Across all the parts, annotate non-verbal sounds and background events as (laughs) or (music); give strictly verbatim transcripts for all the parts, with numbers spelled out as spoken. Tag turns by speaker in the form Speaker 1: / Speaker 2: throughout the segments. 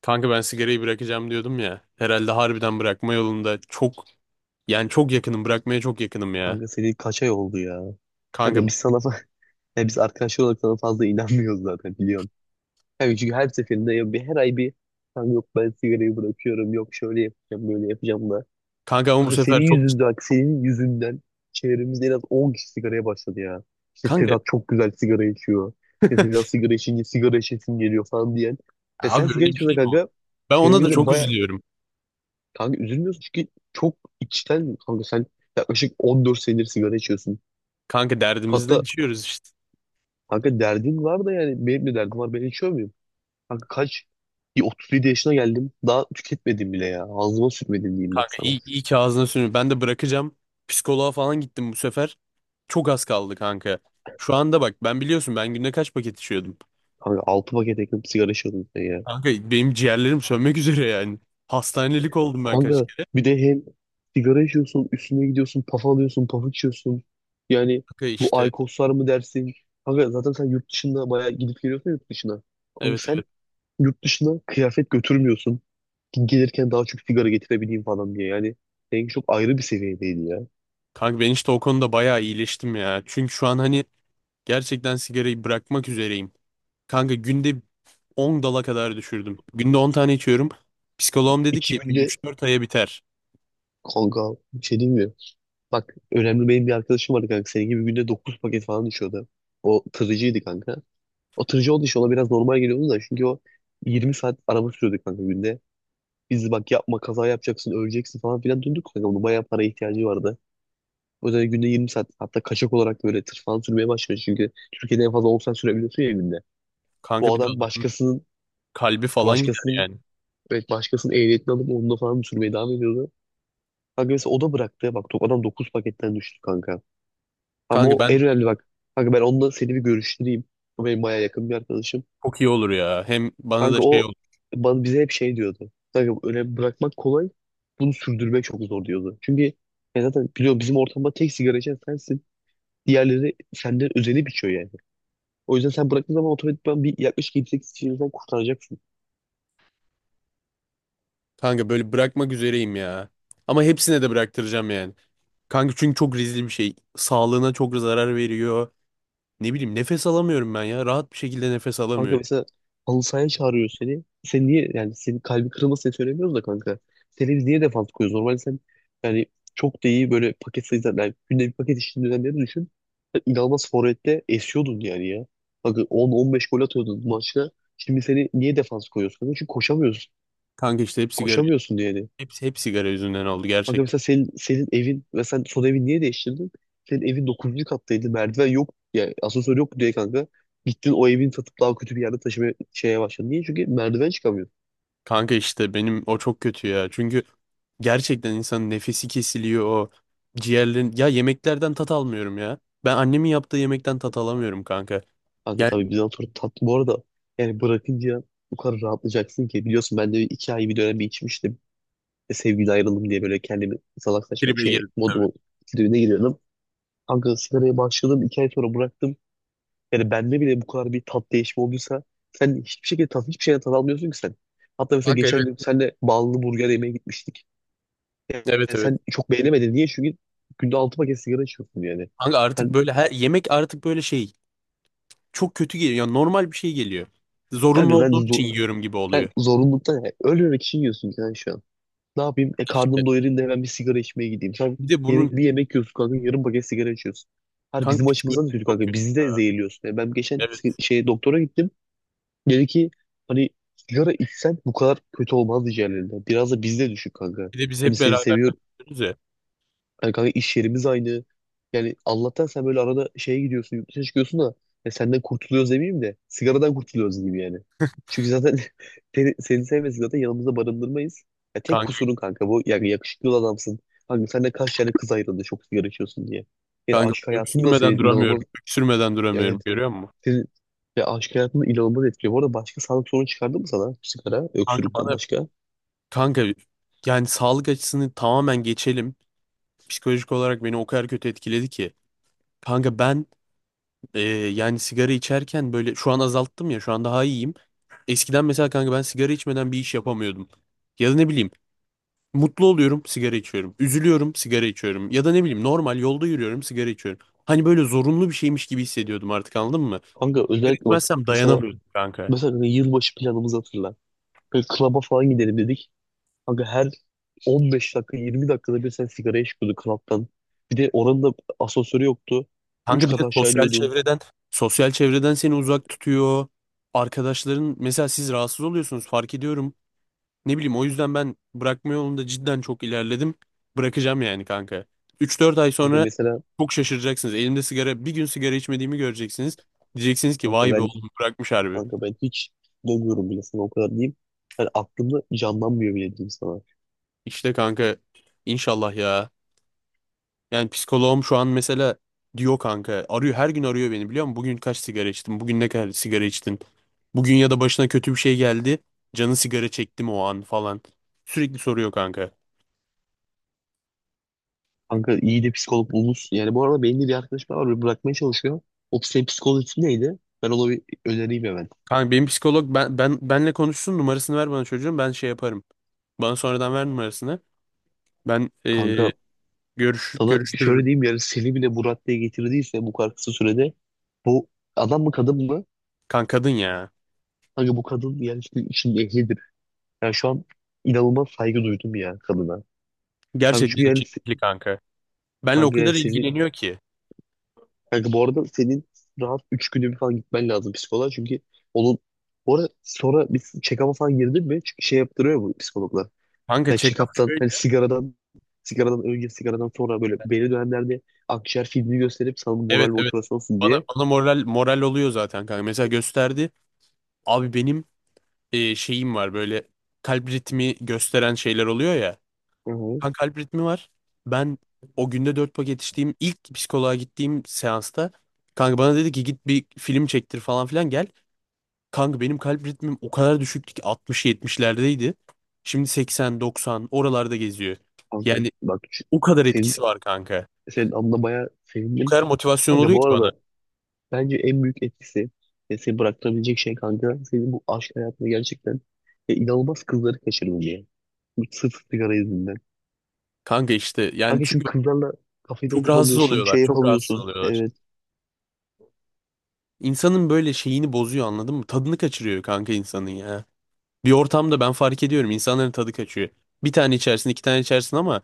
Speaker 1: Kanka ben sigarayı bırakacağım diyordum ya. Herhalde harbiden bırakma yolunda çok, yani çok yakınım, bırakmaya çok yakınım ya.
Speaker 2: Kanka seri kaç ay oldu ya?
Speaker 1: Kanka
Speaker 2: Kanka biz sana fa- (laughs) Ya biz arkadaşlar olarak sana fazla inanmıyoruz zaten biliyorsun. Yani çünkü her seferinde ya bir her ay bir kanka yok ben sigarayı bırakıyorum, yok şöyle yapacağım böyle yapacağım da.
Speaker 1: kanka ama bu
Speaker 2: Kanka senin
Speaker 1: sefer çok
Speaker 2: yüzünden senin yüzünden çevremizde en az on kişi sigaraya başladı ya. İşte
Speaker 1: kanka.
Speaker 2: Sedat çok güzel sigara içiyor. İşte
Speaker 1: (laughs)
Speaker 2: Sedat sigara içince sigara içesim geliyor falan diyen. Ya sen
Speaker 1: Abi
Speaker 2: sigara
Speaker 1: öyle bir
Speaker 2: içiyorsun
Speaker 1: şey mi oldu?
Speaker 2: kanka.
Speaker 1: Ben ona da
Speaker 2: Çevremizde
Speaker 1: çok
Speaker 2: baya
Speaker 1: üzülüyorum.
Speaker 2: Kanka üzülmüyorsun çünkü çok içten. Kanka sen yaklaşık on dört senedir sigara içiyorsun.
Speaker 1: Kanka derdimizden
Speaker 2: Hatta
Speaker 1: içiyoruz işte.
Speaker 2: kanka derdin var da yani benim de derdim var. Ben içiyor muyum? Kanka kaç? Bir otuz yedi yaşına geldim. Daha tüketmedim bile ya. Ağzıma sürmedim diyeyim bak
Speaker 1: Kanka
Speaker 2: sana.
Speaker 1: iyi, iyi ki ağzına sürüyor. Ben de bırakacağım. Psikoloğa falan gittim bu sefer. Çok az kaldı kanka. Şu anda bak, ben biliyorsun ben günde kaç paket içiyordum.
Speaker 2: Kanka altı paket yakın sigara içiyordum sen ya.
Speaker 1: Kanka benim ciğerlerim sönmek üzere yani. Hastanelik oldum ben kaç
Speaker 2: Kanka
Speaker 1: kere.
Speaker 2: bir de hem sigara içiyorsun, üstüne gidiyorsun, paf alıyorsun, paf içiyorsun. Yani
Speaker 1: Kanka
Speaker 2: bu
Speaker 1: işte,
Speaker 2: alkoslar mı dersin? Kanka zaten sen yurt dışında bayağı gidip geliyorsun yurt dışına. Kanka
Speaker 1: evet
Speaker 2: sen
Speaker 1: evet.
Speaker 2: yurt dışına kıyafet götürmüyorsun. Gelirken daha çok sigara getirebileyim falan diye. Yani seninki çok ayrı bir seviyedeydi ya.
Speaker 1: Kanka ben işte o konuda bayağı iyileştim ya. Çünkü şu an hani gerçekten sigarayı bırakmak üzereyim. Kanka günde on dala kadar düşürdüm. Günde on tane içiyorum. Psikoloğum dedi
Speaker 2: İki
Speaker 1: ki bir
Speaker 2: günde
Speaker 1: üç dört aya biter.
Speaker 2: Kanka bir şey diyeyim mi? Bak önemli, benim bir arkadaşım vardı kanka. Senin gibi günde dokuz paket falan düşüyordu. O tırıcıydı kanka. O tırıcı olduğu için ona biraz normal geliyordu da, çünkü o yirmi saat araba sürüyordu kanka günde. Biz bak yapma, kaza yapacaksın, öleceksin falan filan döndük kanka. Onun bayağı para ihtiyacı vardı. O yüzden günde yirmi saat, hatta kaçak olarak böyle tır falan sürmeye başladı. Çünkü Türkiye'de en fazla on saat sürebiliyorsun ya günde.
Speaker 1: Kanka
Speaker 2: Bu
Speaker 1: bir de
Speaker 2: adam
Speaker 1: adamın
Speaker 2: başkasının
Speaker 1: kalbi falan gider
Speaker 2: başkasının
Speaker 1: yani.
Speaker 2: evet, başkasının ehliyetini alıp onunla falan sürmeye devam ediyordu. Kanka mesela o da bıraktı. Bak adam dokuz paketten düştü kanka. Ama
Speaker 1: Kanka
Speaker 2: o
Speaker 1: ben
Speaker 2: en önemli bak. Kanka ben onunla seni bir görüştüreyim. O benim bayağı yakın bir arkadaşım.
Speaker 1: Çok iyi olur ya. Hem bana da
Speaker 2: Kanka
Speaker 1: şey
Speaker 2: o
Speaker 1: olur.
Speaker 2: bana, bize hep şey diyordu. Kanka önemli bırakmak kolay. Bunu sürdürmek çok zor diyordu. Çünkü ya zaten biliyorum, bizim ortamda tek sigara içen sensin. Diğerleri senden özenip içiyor yani. O yüzden sen bıraktığın zaman otomatikman bir yaklaşık yedi sekiz kişiden kurtaracaksın.
Speaker 1: Kanka böyle bırakmak üzereyim ya. Ama hepsine de bıraktıracağım yani. Kanka çünkü çok riskli bir şey. Sağlığına çok zarar veriyor. Ne bileyim, nefes alamıyorum ben ya. Rahat bir şekilde nefes
Speaker 2: Kanka
Speaker 1: alamıyorum.
Speaker 2: mesela halı sahaya çağırıyor seni. Sen niye, yani senin kalbi kırılmasın diye söylemiyoruz da kanka. Seni biz niye defans koyuyoruz? Normalde sen yani çok da iyi, böyle paket sayısı yani günde bir paket içtiğin dönemleri düşün. Sen inanılmaz forvette esiyordun yani ya. Kanka on on beş gol atıyordun maçta. Şimdi seni niye defans koyuyorsun, kanka? Çünkü koşamıyorsun.
Speaker 1: Kanka işte hep sigara,
Speaker 2: Koşamıyorsun yani.
Speaker 1: hepsi hep sigara yüzünden oldu
Speaker 2: Kanka
Speaker 1: gerçekten.
Speaker 2: mesela senin, senin evin ve sen son evin niye değiştirdin? Senin evin dokuzuncu kattaydı. Merdiven yok. Yani asansör yok diye kanka. Gittin o evin satıp daha kötü bir yerde taşıma şeye başladın. Niye? Çünkü merdiven çıkamıyor.
Speaker 1: Kanka işte benim o çok kötü ya. Çünkü gerçekten insanın nefesi kesiliyor, o ciğerlerin. Ya yemeklerden tat almıyorum ya. Ben annemin yaptığı yemekten tat alamıyorum kanka.
Speaker 2: Kanka
Speaker 1: Yani
Speaker 2: tabii bizden sonra tatlı. Bu arada yani bırakınca bu kadar rahatlayacaksın ki. Biliyorsun ben de iki ay bir dönem bir içmiştim. E, sevgili ayrıldım diye böyle kendimi salak saçma
Speaker 1: tribe
Speaker 2: şey
Speaker 1: girdim tabii.
Speaker 2: modumun tribine giriyordum. Kanka sigaraya başladım. iki ay sonra bıraktım. Yani bende bile bu kadar bir tat değişimi olduysa, sen hiçbir şekilde tat, hiçbir şeyden tat almıyorsun ki sen. Hatta mesela
Speaker 1: Kanka
Speaker 2: geçen
Speaker 1: evet.
Speaker 2: gün senle ballı burger yemeye gitmiştik. Yani
Speaker 1: Evet, evet.
Speaker 2: sen çok beğenemedin. Niye? Çünkü günde altı paket sigara içiyorsun yani.
Speaker 1: Kanka artık
Speaker 2: Sen,
Speaker 1: böyle her yemek artık böyle şey, çok kötü geliyor. Yani normal bir şey geliyor. Zorunlu
Speaker 2: kanka sen,
Speaker 1: olduğum
Speaker 2: zor,
Speaker 1: için yiyorum gibi
Speaker 2: sen
Speaker 1: oluyor.
Speaker 2: zorunluluktan, yani ölmemek için yiyorsun yani şu an. Ne yapayım? E
Speaker 1: İşte
Speaker 2: karnım doyurayım da hemen bir sigara içmeye gideyim. Sen
Speaker 1: bir de bunun
Speaker 2: yemek, bir yemek yiyorsun kanka, yarım paket sigara içiyorsun. Her
Speaker 1: kanka
Speaker 2: bizim açımızdan da
Speaker 1: psikolojisi
Speaker 2: kötü
Speaker 1: çok
Speaker 2: kanka.
Speaker 1: kötü
Speaker 2: Bizi
Speaker 1: ya.
Speaker 2: de zehirliyorsun. Yani ben geçen si-
Speaker 1: Evet.
Speaker 2: şeye doktora gittim. Dedi ki, hani sigara içsen bu kadar kötü olmaz diğerlerine. Biraz da bizde düşün kanka.
Speaker 1: Bir de biz
Speaker 2: Hani
Speaker 1: hep
Speaker 2: seni
Speaker 1: beraber
Speaker 2: seviyor.
Speaker 1: diyoruz ya.
Speaker 2: Hani kanka iş yerimiz aynı. Yani Allah'tan sen böyle arada şeye gidiyorsun, yurt dışına çıkıyorsun da, ya senden kurtuluyoruz demeyeyim de, sigaradan kurtuluyoruz gibi yani. Çünkü zaten (laughs) seni, seni sevmesek zaten yanımızda barındırmayız. Ya tek
Speaker 1: Kanka,
Speaker 2: kusurun kanka bu. Yani yakışıklı adamsın. Kanka sen de kaç tane kız ayrıldı çok sigara içiyorsun diye. Yani
Speaker 1: kanka
Speaker 2: aşk hayatın da
Speaker 1: öksürmeden
Speaker 2: senin
Speaker 1: duramıyorum.
Speaker 2: inanılmaz.
Speaker 1: Öksürmeden duramıyorum.
Speaker 2: Evet.
Speaker 1: Görüyor musun?
Speaker 2: Senin ve aşk hayatında inanılmaz etkiliyor. Bu arada başka sağlık sorunu çıkardı mı sana sigara,
Speaker 1: Kanka
Speaker 2: öksürükten
Speaker 1: bana
Speaker 2: başka?
Speaker 1: kanka yani sağlık açısını tamamen geçelim. Psikolojik olarak beni o kadar kötü etkiledi ki. Kanka ben, e, yani sigara içerken böyle, şu an azalttım ya, şu an daha iyiyim. Eskiden mesela kanka ben sigara içmeden bir iş yapamıyordum. Ya da ne bileyim, mutlu oluyorum, sigara içiyorum. Üzülüyorum, sigara içiyorum. Ya da ne bileyim, normal yolda yürüyorum, sigara içiyorum. Hani böyle zorunlu bir şeymiş gibi hissediyordum artık, anladın mı?
Speaker 2: Kanka
Speaker 1: Sigara
Speaker 2: özellikle bak
Speaker 1: içmezsem
Speaker 2: mesela
Speaker 1: dayanamıyordum kanka.
Speaker 2: mesela kanka yılbaşı planımızı hatırla. Böyle klaba falan gidelim dedik. Kanka her on beş dakika, yirmi dakikada bir sen sigaraya çıkıyordun klaptan. Bir de oranın da asansörü yoktu. Üç
Speaker 1: Kanka bir
Speaker 2: kat
Speaker 1: de
Speaker 2: aşağı
Speaker 1: sosyal
Speaker 2: iniyordun.
Speaker 1: çevreden, sosyal çevreden seni uzak tutuyor. Arkadaşların mesela, siz rahatsız oluyorsunuz, fark ediyorum. Ne bileyim, o yüzden ben bırakma yolunda cidden çok ilerledim. Bırakacağım yani kanka. üç dört ay
Speaker 2: Kanka
Speaker 1: sonra
Speaker 2: mesela
Speaker 1: çok şaşıracaksınız. Elimde sigara, bir gün sigara içmediğimi göreceksiniz. Diyeceksiniz ki
Speaker 2: kanka
Speaker 1: vay be
Speaker 2: ben
Speaker 1: oğlum, bırakmış harbi.
Speaker 2: kanka ben hiç demiyorum bile sana, o kadar diyeyim. Yani aklımda canlanmıyor bile diyeyim sana.
Speaker 1: İşte kanka, inşallah ya. Yani psikoloğum şu an mesela diyor, kanka arıyor, her gün arıyor beni, biliyor musun? Bugün kaç sigara içtin? Bugün ne kadar sigara içtin? Bugün ya da başına kötü bir şey geldi. Canı sigara çekti mi o an falan. Sürekli soruyor kanka.
Speaker 2: Kanka iyi de psikolog bulmuş. Yani bu arada benim de bir arkadaşım var, böyle bırakmaya çalışıyor. O senin psikoloğun ismi neydi? Ben ona bir önereyim hemen.
Speaker 1: Kanka benim psikolog, ben, ben benle konuşsun, numarasını ver bana çocuğum, ben şey yaparım. Bana sonradan ver numarasını. Ben
Speaker 2: Kanka
Speaker 1: eee görüş,
Speaker 2: sana şöyle
Speaker 1: görüştürürüm.
Speaker 2: diyeyim, yani seni bile bu raddeye getirdiyse bu kadar kısa sürede, bu adam mı kadın mı?
Speaker 1: Kanka kadın ya.
Speaker 2: Kanka bu kadın yani işte işin ehlidir. Yani şu an inanılmaz saygı duydum ya kadına. Kanka çünkü
Speaker 1: Gerçekten
Speaker 2: yani
Speaker 1: içi
Speaker 2: se-
Speaker 1: kanka. Benle o
Speaker 2: kanka yani
Speaker 1: kadar
Speaker 2: seni
Speaker 1: ilgileniyor ki.
Speaker 2: kanka bu arada senin rahat üç günde bir falan gitmen lazım psikoloğa, çünkü onun bu arada sonra bir check-up'a falan girdin mi? Çünkü şey yaptırıyor bu psikologlar.
Speaker 1: Kanka
Speaker 2: Yani
Speaker 1: check-up
Speaker 2: check-up'tan hani
Speaker 1: şöyle.
Speaker 2: sigaradan sigaradan önce, sigaradan sonra böyle belli dönemlerde akciğer filmi gösterip sana moral
Speaker 1: Evet, evet.
Speaker 2: motivasyon olsun
Speaker 1: Bana,
Speaker 2: diye.
Speaker 1: bana moral moral oluyor zaten kanka. Mesela gösterdi. Abi benim, e, şeyim var böyle, kalp ritmi gösteren şeyler oluyor ya.
Speaker 2: Hı hı.
Speaker 1: Kanka kalp ritmi var. Ben o günde dört paket içtiğim ilk psikoloğa gittiğim seansta kanka bana dedi ki git bir film çektir falan filan gel. Kanka benim kalp ritmim o kadar düşüktü ki altmış yetmişlerdeydi. Şimdi seksen doksan oralarda geziyor.
Speaker 2: Kanka
Speaker 1: Yani
Speaker 2: bak şu-
Speaker 1: o kadar
Speaker 2: senin,
Speaker 1: etkisi var kanka.
Speaker 2: senin anına bayağı
Speaker 1: O
Speaker 2: sevindim.
Speaker 1: kadar motivasyon
Speaker 2: Kanka
Speaker 1: oluyor
Speaker 2: bu
Speaker 1: ki bana.
Speaker 2: arada bence en büyük etkisi ve seni bıraktırabilecek şey kanka, senin bu aşk hayatına gerçekten e, inanılmaz kızları kaçırdın diye. Bu sırf sigara yüzünden.
Speaker 1: Kanka işte, yani
Speaker 2: Kanka
Speaker 1: çünkü
Speaker 2: çünkü kızlarla kafede
Speaker 1: çok rahatsız
Speaker 2: oturamıyorsun,
Speaker 1: oluyorlar.
Speaker 2: şey
Speaker 1: Çok rahatsız
Speaker 2: yapamıyorsun.
Speaker 1: oluyorlar.
Speaker 2: Evet,
Speaker 1: İnsanın böyle şeyini bozuyor, anladın mı? Tadını kaçırıyor kanka insanın ya. Bir ortamda ben fark ediyorum, insanların tadı kaçıyor. Bir tane içersin, iki tane içersin ama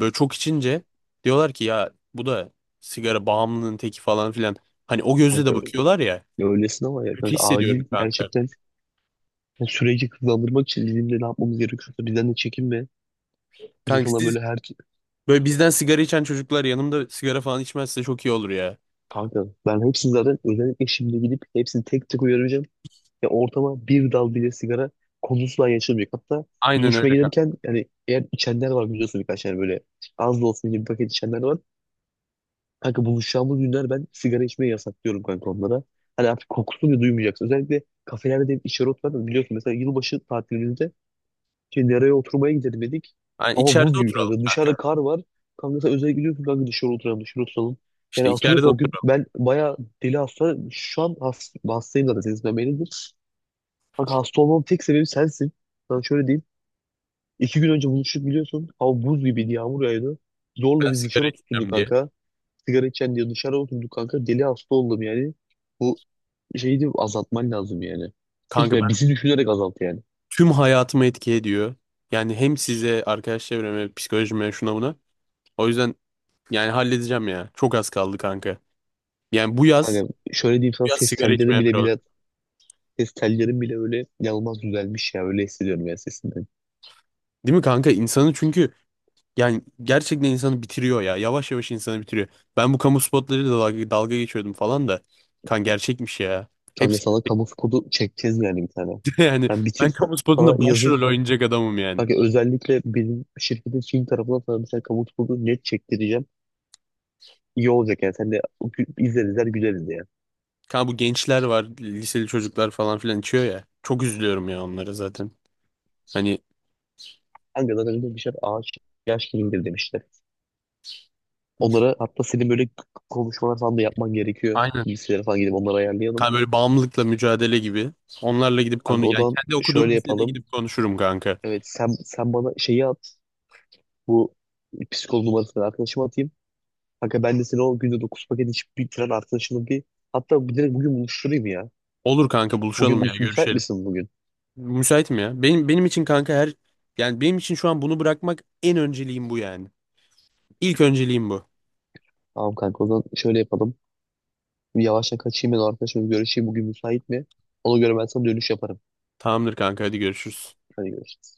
Speaker 1: böyle çok içince diyorlar ki ya bu da sigara bağımlının teki falan filan. Hani o gözle de
Speaker 2: kanka
Speaker 1: bakıyorlar ya.
Speaker 2: öylesin ama ya
Speaker 1: Kötü
Speaker 2: kanka
Speaker 1: hissediyorum
Speaker 2: acil
Speaker 1: kanka.
Speaker 2: gerçekten. Yani süreci hızlandırmak için bizim de ne yapmamız gerekiyorsa bizden de çekinme. Bize
Speaker 1: Kanka
Speaker 2: sana
Speaker 1: siz,
Speaker 2: böyle her...
Speaker 1: böyle bizden sigara içen çocuklar yanımda sigara falan içmezse çok iyi olur ya.
Speaker 2: Kanka ben hepsini zaten özellikle şimdi gidip hepsini tek tek uyaracağım. Ya ortama bir dal bile sigara konusuna yaşamayacak. Hatta
Speaker 1: Aynen öyle
Speaker 2: buluşmaya
Speaker 1: kanka.
Speaker 2: gelirken, yani eğer içenler var biliyorsun, birkaç yani böyle az da olsun gibi paket içenler var. Kanka buluşacağımız günler ben sigara içmeyi yasaklıyorum kanka onlara. Hani artık kokusunu bile duymayacaksın. Özellikle kafelerde de içeri oturan da biliyorsun, mesela yılbaşı tatilimizde şey, dereye oturmaya gidelim dedik.
Speaker 1: Yani
Speaker 2: Hava buz
Speaker 1: içeride
Speaker 2: gibi
Speaker 1: oturalım
Speaker 2: kanka. Dışarıda
Speaker 1: kanka.
Speaker 2: kar var. Kanka sen özel gidiyorsun kanka, dışarı oturalım, dışarı oturalım. Yani
Speaker 1: İşte içeride
Speaker 2: hatırlıyorsun o gün
Speaker 1: oturalım.
Speaker 2: ben bayağı deli hasta. Şu an has, hastayım zaten senin yüzünden beridir. Kanka hasta olmamın tek sebebi sensin. Ben şöyle diyeyim. İki gün önce buluştuk biliyorsun. Hava buz gibiydi, yağmur yağıyordu.
Speaker 1: Ben
Speaker 2: Zorla biz
Speaker 1: sigara
Speaker 2: dışarı oturduk
Speaker 1: içeceğim diye.
Speaker 2: kanka. Sigara içen diye dışarı oturduk kanka. Deli hasta oldum yani. Bu şeyi de azaltman lazım yani. Sırf
Speaker 1: Kanka
Speaker 2: ya bizi düşünerek azalt yani.
Speaker 1: tüm hayatımı etki ediyor. Yani hem size, arkadaş çevreme, psikolojime, şuna buna. O yüzden yani halledeceğim ya. Çok az kaldı kanka. Yani bu yaz,
Speaker 2: Hani şöyle diyeyim
Speaker 1: bu
Speaker 2: sana,
Speaker 1: yaz
Speaker 2: ses
Speaker 1: sigara
Speaker 2: telleri
Speaker 1: içmeye bir
Speaker 2: bile
Speaker 1: olacağım.
Speaker 2: bile ses tellerim bile öyle inanılmaz düzelmiş ya, öyle hissediyorum ya sesinden.
Speaker 1: Değil mi kanka? İnsanı çünkü, yani gerçekten insanı bitiriyor ya. Yavaş yavaş insanı bitiriyor. Ben bu kamu spotlarıyla dalga, dalga geçiyordum falan da. Kan gerçekmiş ya.
Speaker 2: Kanka
Speaker 1: Hepsi
Speaker 2: sana kamu spotu çekeceğiz yani bir tane.
Speaker 1: (laughs) yani
Speaker 2: Yani
Speaker 1: ben
Speaker 2: bitir
Speaker 1: kamu
Speaker 2: sana
Speaker 1: spotunda
Speaker 2: yazın.
Speaker 1: başrol oynayacak adamım yani.
Speaker 2: Kanka özellikle bizim şirketin Çin tarafından sana bir tane kamu spotu net çektireceğim. İyi olacak yani sen de gü- izler izler güleriz ya.
Speaker 1: Kanka bu gençler var, liseli çocuklar falan filan içiyor ya. Çok üzülüyorum ya onlara zaten. Hani.
Speaker 2: Kanka zaten öyle demişler, ağaç yaş kilimdir demişler. Onlara hatta senin böyle k- konuşmalar falan da yapman gerekiyor.
Speaker 1: Aynen.
Speaker 2: Bilgisayara falan gidip onları ayarlayalım.
Speaker 1: Hani böyle bağımlılıkla mücadele gibi. Onlarla gidip konu,
Speaker 2: Kanka o
Speaker 1: yani
Speaker 2: zaman
Speaker 1: kendi
Speaker 2: şöyle
Speaker 1: okuduğum lisede
Speaker 2: yapalım.
Speaker 1: gidip konuşurum kanka.
Speaker 2: Evet, sen sen bana şeyi at. Bu psikolog numarasını arkadaşıma atayım. Kanka ben de seni o günde dokuz paket içip bitiren arkadaşımı bir, hatta bir direkt bugün buluşturayım ya.
Speaker 1: Olur kanka, buluşalım
Speaker 2: Bugün
Speaker 1: ya,
Speaker 2: müs müsait
Speaker 1: görüşelim.
Speaker 2: misin bugün?
Speaker 1: Müsaitim ya. Benim benim için kanka her, yani benim için şu an bunu bırakmak en önceliğim, bu yani. İlk önceliğim bu.
Speaker 2: Tamam kanka o zaman şöyle yapalım. Bir yavaştan kaçayım ben o arkadaşımla bir görüşeyim. Bugün müsait mi? Ona göre ben sana dönüş yaparım.
Speaker 1: Tamamdır kanka, hadi görüşürüz.
Speaker 2: Hadi görüşürüz.